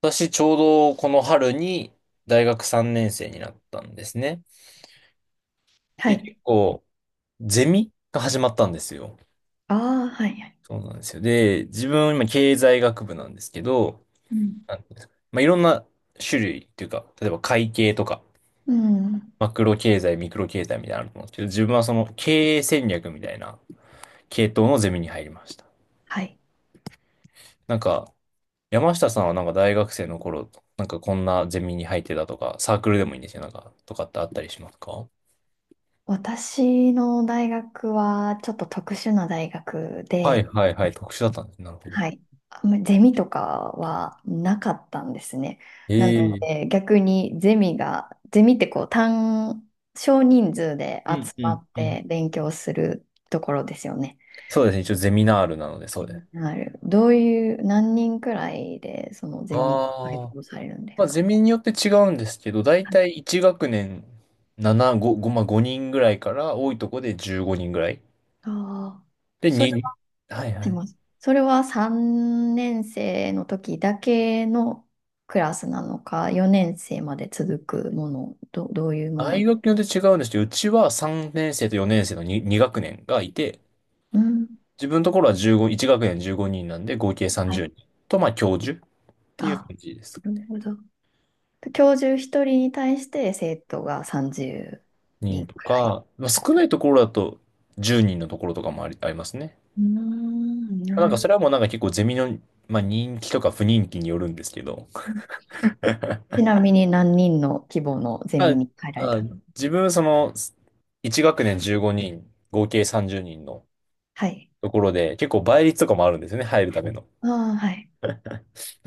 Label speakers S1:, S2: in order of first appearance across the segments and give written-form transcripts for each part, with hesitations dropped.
S1: 私、ちょうどこの春に大学3年生になったんですね。
S2: は
S1: で、
S2: い。
S1: 結構、ゼミが始まったんですよ。
S2: ああ、はい、はい。
S1: そうなんですよ。で、自分、今、経済学部なんですけど、
S2: うん。
S1: なんていうんですか、まあ、いろんな種類っていうか、例えば会計とか、
S2: うん。
S1: マクロ経済、ミクロ経済みたいなのあると思うんですけど、自分はその経営戦略みたいな系統のゼミに入りました。
S2: はい。
S1: なんか、山下さんはなんか大学生の頃、なんかこんなゼミに入ってたとか、サークルでもいいんですよ、なんか、とかってあったりしますか？
S2: 私の大学はちょっと特殊な大学
S1: はい
S2: で、
S1: はいはい。特殊だったんですね。なるほど。
S2: はい。あんまりゼミとかはなかったんですね。
S1: え
S2: なの
S1: え。
S2: で、逆にゼミって少人数で
S1: うん
S2: 集
S1: う
S2: ま
S1: ん
S2: っ
S1: うん。
S2: て勉強するところですよね。
S1: そうですね。一応ゼミナールなので、そうです。
S2: どういう、何人くらいで、そのゼミが開
S1: ああ。
S2: 講されるんで
S1: ま
S2: す
S1: あ、ゼ
S2: か？
S1: ミによって違うんですけど、だい
S2: はい。
S1: たい1学年7、5、5、まあ、人ぐらいから、多いとこで15人ぐらい。
S2: ああー、
S1: で、
S2: それ
S1: 2、はいは
S2: で
S1: い。
S2: も、それは3年生の時だけのクラスなのか、4年生まで続くもの、どういう
S1: 大
S2: もの。
S1: 学によって違うんですけど、うちは3年生と4年生の 2、 学年がいて、
S2: うん。
S1: 自分のところは15、1学年15人なんで、合計
S2: は
S1: 30
S2: い。
S1: 人と、まあ、教授っていう
S2: あ、
S1: 感じです。
S2: なるほど。教授1人に対して生徒が30
S1: 人
S2: 人
S1: と
S2: くらい
S1: か、まあ、
S2: とか。
S1: 少ないところだと10人のところとかもあり、ありますね。
S2: うーん、な
S1: なん
S2: る
S1: か
S2: ほど。
S1: それはもうなんか結構ゼミの、まあ、人気とか不人気によるんですけど、
S2: ちなみに何人の規模のゼ
S1: あ、
S2: ミに入られ
S1: あ、
S2: た？
S1: 自分その1学年15人、合計30人の
S2: はい。
S1: ところで結構倍率とかもあるんですよね、入るための。
S2: ああ、はい。
S1: なん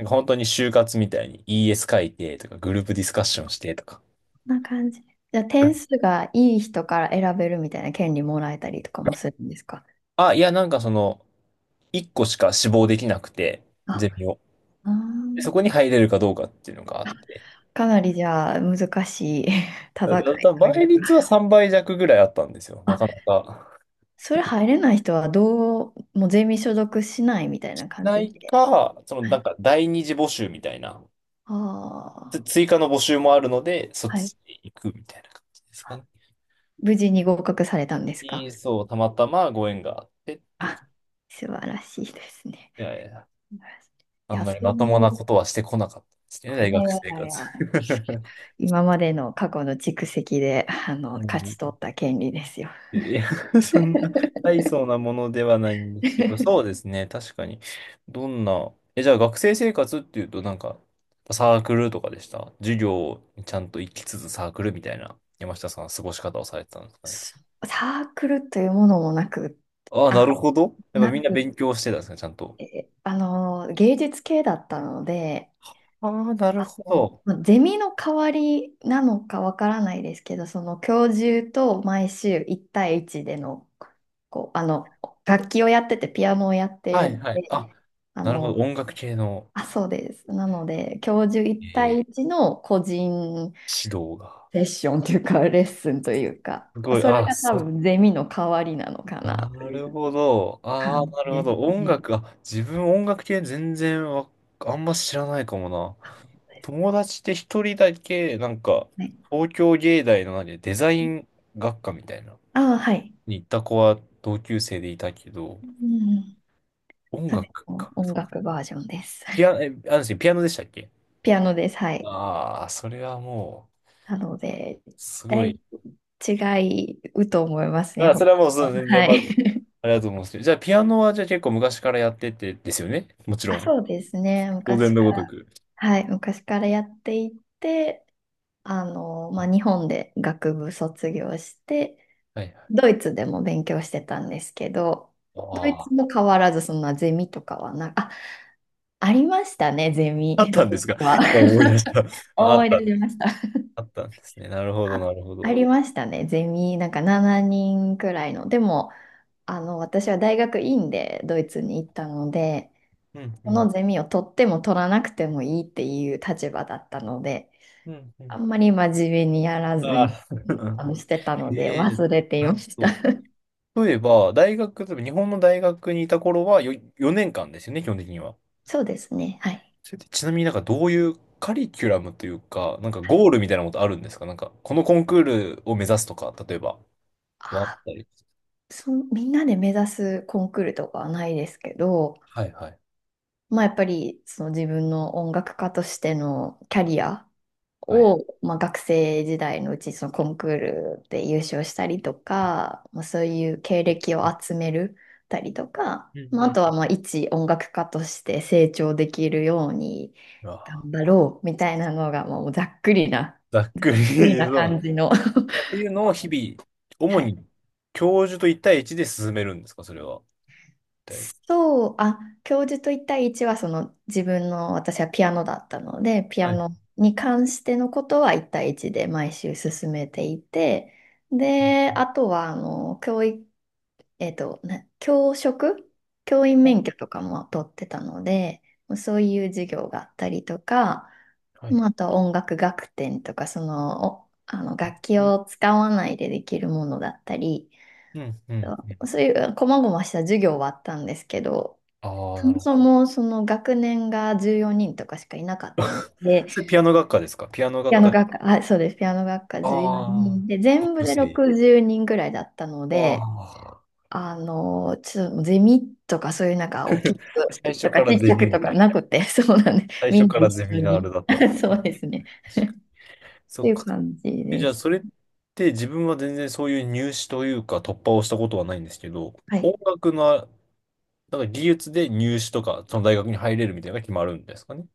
S1: か本当に就活みたいに ES 書いてとかグループディスカッションしてとか。
S2: こんな感じ。じゃあ点数がいい人から選べるみたいな権利もらえたりとかもするんですか？
S1: いやなんかその1個しか志望できなくて、
S2: あ
S1: ゼミを。
S2: あ
S1: でそ
S2: ー
S1: こに入れるかどうかっていうのがあって。
S2: かなりじゃあ難しい
S1: だ、
S2: 戦い
S1: だ、だ
S2: とい
S1: 倍
S2: うか。
S1: 率は3倍弱ぐらいあったんですよ。なか
S2: あ、
S1: なか。
S2: それ入れない人はもうゼミ所属しないみたいな感
S1: な
S2: じ
S1: い
S2: で。
S1: か、その
S2: は
S1: なん
S2: い。
S1: か第二次募集みたいな、
S2: ああ、
S1: 追加の募集もあるので、そっ
S2: はい。
S1: ちに行くみたいな感じですか
S2: あ、
S1: ね。
S2: 無事に合格されたんですか？
S1: にそう、たまたまご縁があってっていう。
S2: あ、素晴らしいですね。
S1: いやいや、
S2: 素晴らしい。
S1: あ
S2: い
S1: ん
S2: や、
S1: ま
S2: そ
S1: り
S2: う
S1: まとも
S2: い
S1: な
S2: う、
S1: ことはしてこなかったですね、
S2: あれ、
S1: 大
S2: いやい
S1: 学生
S2: やいや、
S1: 活。
S2: 今までの過去の蓄積で、
S1: う
S2: 勝
S1: ん
S2: ち取った権利ですよ。
S1: いや、そんな大層なものではないんですけど、そう ですね、確かに。どんな、じゃあ学生生活っていうと、なんか、サークルとかでした授業にちゃんと行きつつサークルみたいな、山下さんは過ごし方をされてたんですかね。
S2: サークルというものもなく、
S1: ああ、な
S2: あ、
S1: るほど。やっぱ
S2: な
S1: みんな
S2: く
S1: 勉強してたんですね、ちゃんと。
S2: 芸術系だったので、
S1: ああ、なるほど。
S2: まあゼミの代わりなのかわからないですけど、その教授と毎週1対1での、こう、あの、楽器をやってて、ピアノをやってい
S1: は
S2: る
S1: いは
S2: の
S1: い。
S2: で、
S1: あ、
S2: あ
S1: なるほど。
S2: の、
S1: 音楽系の、
S2: あ、そうです。なので、教授1
S1: えー
S2: 対1の個人
S1: 指導が。
S2: セッションというか、レッスンというか、
S1: すごい。
S2: それ
S1: ああ、
S2: が多分ゼミの代わりなのかなと
S1: な
S2: い
S1: る
S2: う
S1: ほど。ああ、
S2: 感
S1: な
S2: じ
S1: るほ
S2: です
S1: ど。音
S2: ね。
S1: 楽、自分音楽系全然あんま知らないかもな。
S2: あ、本です
S1: 友達で一人だけ、なんか、
S2: ね。
S1: 東京芸大の何、デザイン学科みたいな、
S2: あ、はい。
S1: に行った子は同級生でいたけど、
S2: うん。
S1: 音
S2: 食
S1: 楽
S2: の
S1: か。
S2: 音楽バージョンです。
S1: ピア、え、あの人、ピアノでしたっけ？
S2: ピアノです。はい。
S1: ああー、それはも
S2: なので、
S1: う、す
S2: だ
S1: ご
S2: い
S1: い。
S2: 違うと思いますね。
S1: あ、そ
S2: 他
S1: れはもう、そう、
S2: の。
S1: 全然、
S2: は
S1: ま
S2: い。
S1: ず、ありがとうございます。じゃあ、ピアノは、じゃあ結構昔からやってて、ですよねもちろ
S2: あ、
S1: ん。
S2: そうですね。
S1: 当然
S2: 昔か
S1: のごと
S2: ら、
S1: く。
S2: はい。昔からやっていて、まあ、日本で学部卒業して、
S1: はいはい。
S2: ドイツでも勉強してたんですけど、
S1: あ
S2: ドイ
S1: あ。
S2: ツも変わらず、そんなゼミとかはな、あ、ありましたね、ゼミ、
S1: あっ
S2: ド
S1: たんで
S2: イツ
S1: すが、
S2: は。
S1: 今思い出した。あ
S2: 思
S1: っ
S2: い出
S1: た、
S2: しました。
S1: あったんですね。なるほど、な
S2: あ、
S1: るほ
S2: あ
S1: ど。
S2: りましたね。ゼミ、なんか7人くらいの。でも、私は大学院でドイツに行ったので、
S1: うんう
S2: その
S1: ん。
S2: ゼミを取っても取らなくてもいいっていう立場だったので、
S1: うんう
S2: あ
S1: ん。
S2: んまり真面目にやらず
S1: あ
S2: に、
S1: あ、
S2: してたので
S1: ええ
S2: 忘れてい
S1: な
S2: ま
S1: る
S2: した。
S1: ほ ど。例えば、大学、例えば日本の大学にいた頃はよ4年間ですよね、基本的には。
S2: そうですね。はい。
S1: それってちなみになんかどういうカリキュラムというか、なんか
S2: はい。
S1: ゴールみたいなことあるんですか？なんか、このコンクールを目指すとか、例えば、はあっ
S2: あ、
S1: たり。
S2: みんなで目指すコンクールとかはないですけど、
S1: はいはい。
S2: まあやっぱりその自分の音楽家としてのキャリア
S1: はい。
S2: を、まあ、学生時代のうちそのコンクールで優勝したりとか、まあ、そういう経歴を集めるたりとか、
S1: うん
S2: まあ、
S1: う
S2: あとは
S1: ん。
S2: まあ一音楽家として成長できるように
S1: うわ
S2: 頑張ろうみたいなのがまあもうざっくりな、ざっ
S1: ざっくり、
S2: くりな
S1: そ
S2: 感
S1: う
S2: じの。
S1: って いうのを日々、主
S2: はい。
S1: に教授と一対一で進めるんですか、それは。一対
S2: そう、あ、教授と一対一はその自分の私はピアノだったので、ピ
S1: は
S2: ア
S1: い。
S2: ノに関してのことは一対一で毎週進めていて、で、あとはあの教育、教職、教員免許とかも取ってたので、そういう授業があったりとか、
S1: はい。
S2: まあ、あとは音楽学点とか、その、お、あの楽器
S1: うん、
S2: を使わないでできるものだったり、
S1: うん、うん。
S2: そういう細々した授業はあったんですけど、
S1: あ
S2: そ
S1: あ、な
S2: も
S1: るほ
S2: そ
S1: ど。
S2: もその学年が14人とかしかいなかったの で、
S1: それピアノ学科ですか？ピアノ
S2: ピ
S1: 学
S2: アノ
S1: 科で。
S2: 学科、あ、そうです、ピアノ学科14
S1: ああ、
S2: 人で、全部
S1: 特
S2: で
S1: 性。
S2: 60人ぐらいだったので、
S1: ああ、
S2: ちょっとゼミとかそういうなんか大きく
S1: 最初
S2: と
S1: か
S2: か
S1: ら
S2: ちっ
S1: ゼ
S2: ちゃ
S1: ミ
S2: く
S1: み
S2: とか
S1: たいな。
S2: なくて、そうなんです。
S1: 最
S2: みん
S1: 初か
S2: な
S1: ら
S2: 一
S1: ゼ
S2: 緒
S1: ミナー
S2: に。
S1: ルだった。確
S2: そうですね。
S1: かに
S2: っ
S1: そ
S2: て
S1: っ
S2: いう
S1: か。
S2: 感じ
S1: じ
S2: で
S1: ゃあ、
S2: し
S1: それっ
S2: た。
S1: て自分は全然そういう入試というか突破をしたことはないんですけど、
S2: は
S1: 音
S2: い。
S1: 楽の、なんか技術で入試とか、その大学に入れるみたいなのが決まるんですかね？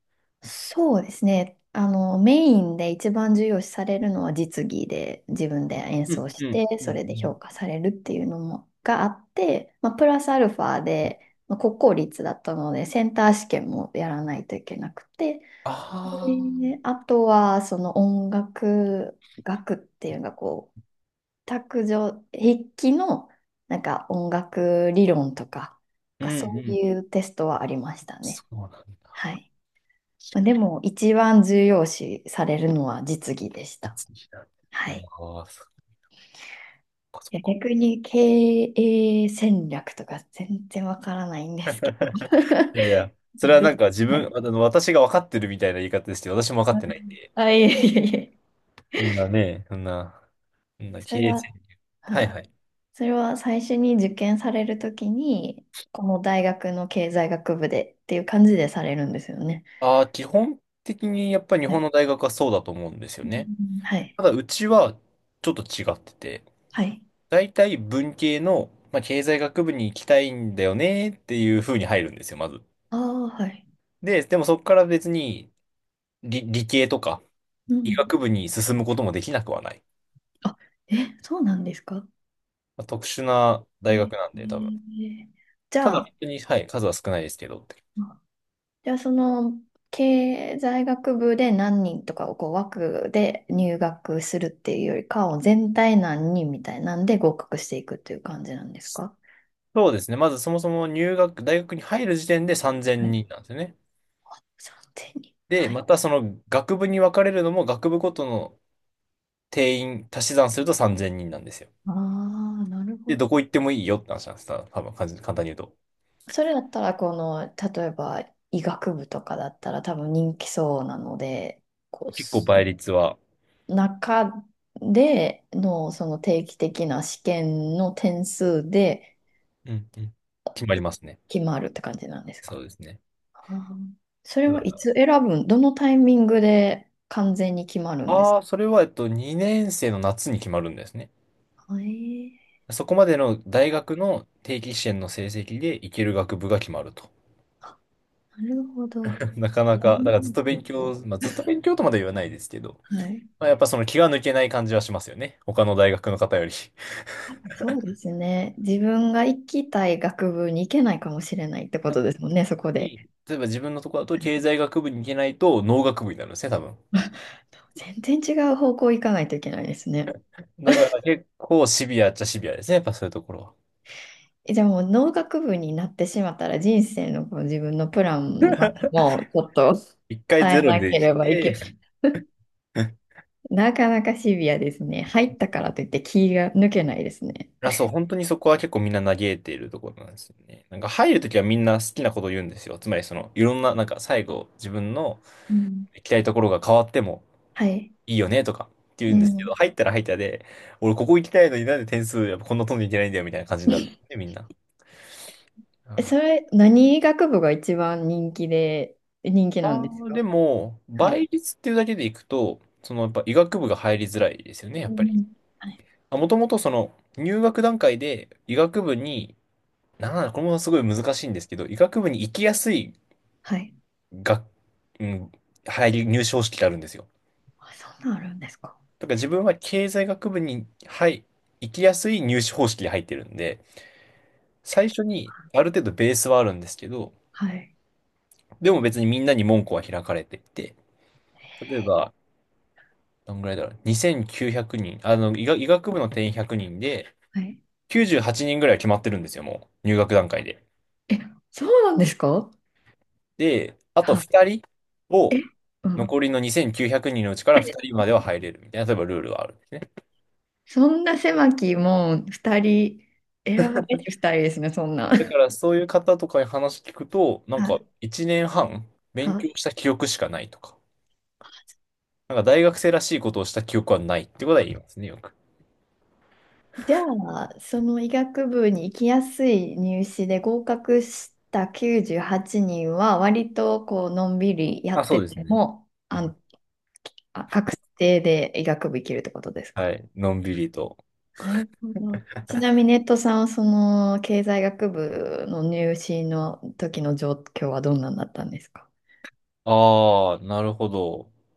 S2: そうですね。メインで一番重要視されるのは実技で、自分で演
S1: うん、
S2: 奏し
S1: うん、
S2: て、
S1: うん、う
S2: それで評
S1: ん。
S2: 価されるっていうのもがあって、まあ、プラスアルファで、まあ、国公立だったので、センター試験もやらないといけなくて、
S1: ああ、
S2: で、あとはその音楽学っていうのが卓上、筆記のなんか音楽理論とか、
S1: うん、
S2: なんか
S1: う
S2: そう
S1: ん。
S2: いうテストはありました
S1: そ
S2: ね。
S1: うなんだ。
S2: はい。まあでも、一番重要視されるのは実技でした。
S1: 実技なんだ。
S2: はい。
S1: ああ、そっかそっ
S2: いや
S1: か。
S2: 逆に経営戦略とか全然わからないんですけど。
S1: い やいや、それは
S2: ど、
S1: なんか自
S2: は
S1: 分、
S2: い。
S1: あの、私が分かってるみたいな言い方ですけど、私も分かってないんで、
S2: あ、いえいえいえ。
S1: そんなね、そんな
S2: そ
S1: 経
S2: れ
S1: 営戦
S2: は、
S1: 略。はい
S2: は
S1: は
S2: い。
S1: い。
S2: それは最初に受験されるときに、この大学の経済学部でっていう感じでされるんですよね。
S1: ああ、基本的にやっぱり日
S2: は
S1: 本
S2: い。
S1: の大学はそうだと思うんですよ
S2: う
S1: ね。
S2: ん、はい。
S1: ただ、うちはちょっと違ってて、
S2: はい。
S1: 大体文系の、まあ、経済学部に行きたいんだよねっていう風に入るんですよ、まず。
S2: ああ、はい。
S1: でもそこから別に理系とか
S2: う
S1: 医
S2: ん。
S1: 学部に進むこともできなくはない。
S2: あ、え、そうなんですか？
S1: まあ、特殊な
S2: え
S1: 大学
S2: ー
S1: なんで、多分。
S2: じ
S1: た
S2: ゃ
S1: だ、本
S2: あ、
S1: 当に、はい、数は少ないですけどって。
S2: あじゃあその経済学部で何人とかを枠で入学するっていうよりかは全体何人みたいなんで合格していくっていう感じなんですか？
S1: そうですね。まずそもそも入学、大学に入る時点で3000
S2: はい。
S1: 人なんですよね。
S2: 3 0 0。
S1: で、
S2: はい。
S1: またその学部に分かれるのも学部ごとの定員足し算すると3000人なんですよ。
S2: ああ、なる
S1: で、
S2: ほど。
S1: どこ行ってもいいよって話なんです。多分、簡単に言うと。
S2: それだったらこの例えば医学部とかだったら多分人気そうなので、こう
S1: 結構倍
S2: そ
S1: 率は、
S2: 中でのその定期的な試験の点数で
S1: うんうん、決まりますね。
S2: 決まるって感じなんです
S1: そ
S2: か？
S1: うですね。
S2: あーそれはい
S1: だ
S2: つ選ぶん、どのタイミングで完全に決まるんです
S1: あ
S2: か？
S1: あ、それは、えっと、2年生の夏に決まるんですね。
S2: えー、
S1: そこまでの大学の定期試験の成績で行ける学部が決まると。
S2: なるほど。
S1: なか
S2: じゃ
S1: な
S2: あ
S1: か、だからずっと
S2: 占
S1: 勉
S2: いと。
S1: 強、まあ、ずっと勉強とまでは言わないですけど、
S2: はい。
S1: まあ、やっぱその気が抜けない感じはしますよね。他の大学の方より。
S2: あ、そうですね。自分が行きたい学部に行けないかもしれないってこ
S1: なん
S2: と
S1: か
S2: ですもんね、そこ
S1: い
S2: で。
S1: い例えば自分のところだと
S2: はい。
S1: 経済学部に行けないと農学部になるんですね、多分。
S2: 全然違う方向行かないといけないですね。
S1: だから結構シビアっちゃシビアですね、やっぱそういうところは。
S2: えじゃあもう農学部になってしまったら人生の自分のプランはもうちょっと
S1: 一回
S2: 変
S1: ゼ
S2: え
S1: ロ
S2: な
S1: で
S2: け
S1: し
S2: ればい
S1: て、
S2: けない。なかなかシビアですね。入ったからといって気が抜けないですね。
S1: あ、そう、本当にそこは結構みんな嘆いているところなんですよね。なんか入るときはみんな好きなことを言うんですよ。つまりその、いろんな、なんか最後自分の
S2: うん。
S1: 行きたいところが変わっても
S2: はい。
S1: いいよねとかって言う
S2: う
S1: んですけ
S2: ん。
S1: ど、入ったら入ったで、俺ここ行きたいのになんで点数やっぱこんな飛んでいけないんだよみたいな感じになるんで、みんな。
S2: え、
S1: あ
S2: 何学部が一番人気なん
S1: あ
S2: です
S1: で
S2: か？
S1: も、
S2: はい。
S1: 倍率っていうだけでいくと、そのやっぱ医学部が入りづらいですよね、や
S2: う
S1: っぱり。
S2: ん、はい。
S1: もともとその入学段階で医学部に、なんだ、これもすごい難しいんですけど、医学部に行きやすい
S2: はい。
S1: が、うん、入試方式があるんですよ。
S2: あ、そんなんあるんですか？
S1: だから自分は経済学部に、はい、行きやすい入試方式で入ってるんで、最初にある程度ベースはあるんですけど、
S2: はい。
S1: でも別にみんなに門戸は開かれていて、例えば、どんぐらいだろう、2900人、あの、医学部の定員100人で、
S2: はい。
S1: 98人ぐらいは決まってるんですよ、もう、入学段階で。
S2: え、そうなんですか？
S1: で、あと
S2: は
S1: 2人
S2: い。
S1: を、
S2: え、うん。
S1: 残りの2900人のうちから2人までは入れるみたいな、例えばルールがある。
S2: そんな狭きもう二人、選ばれて二人ですね、そんな。
S1: だか らそういう方とかに話聞くと、なん
S2: は
S1: か
S2: い。
S1: 1年半
S2: は
S1: 勉
S2: い。
S1: 強した記憶しかないとか、なんか大学生らしいことをした記憶はないってことは言いますね、よく。
S2: じゃあ、その医学部に行きやすい入試で合格した98人はちにんは、割とのんびりや
S1: あ、
S2: っ
S1: そ
S2: て
S1: うです
S2: て
S1: ね。
S2: も、
S1: うん。
S2: 確定で医学部行けるってことですか？
S1: はい。のんびりと。
S2: なるほど。ちなみにネットさんはその経済学部の入試の時の状況はどんなんだったんですか？
S1: ああ、なるほど。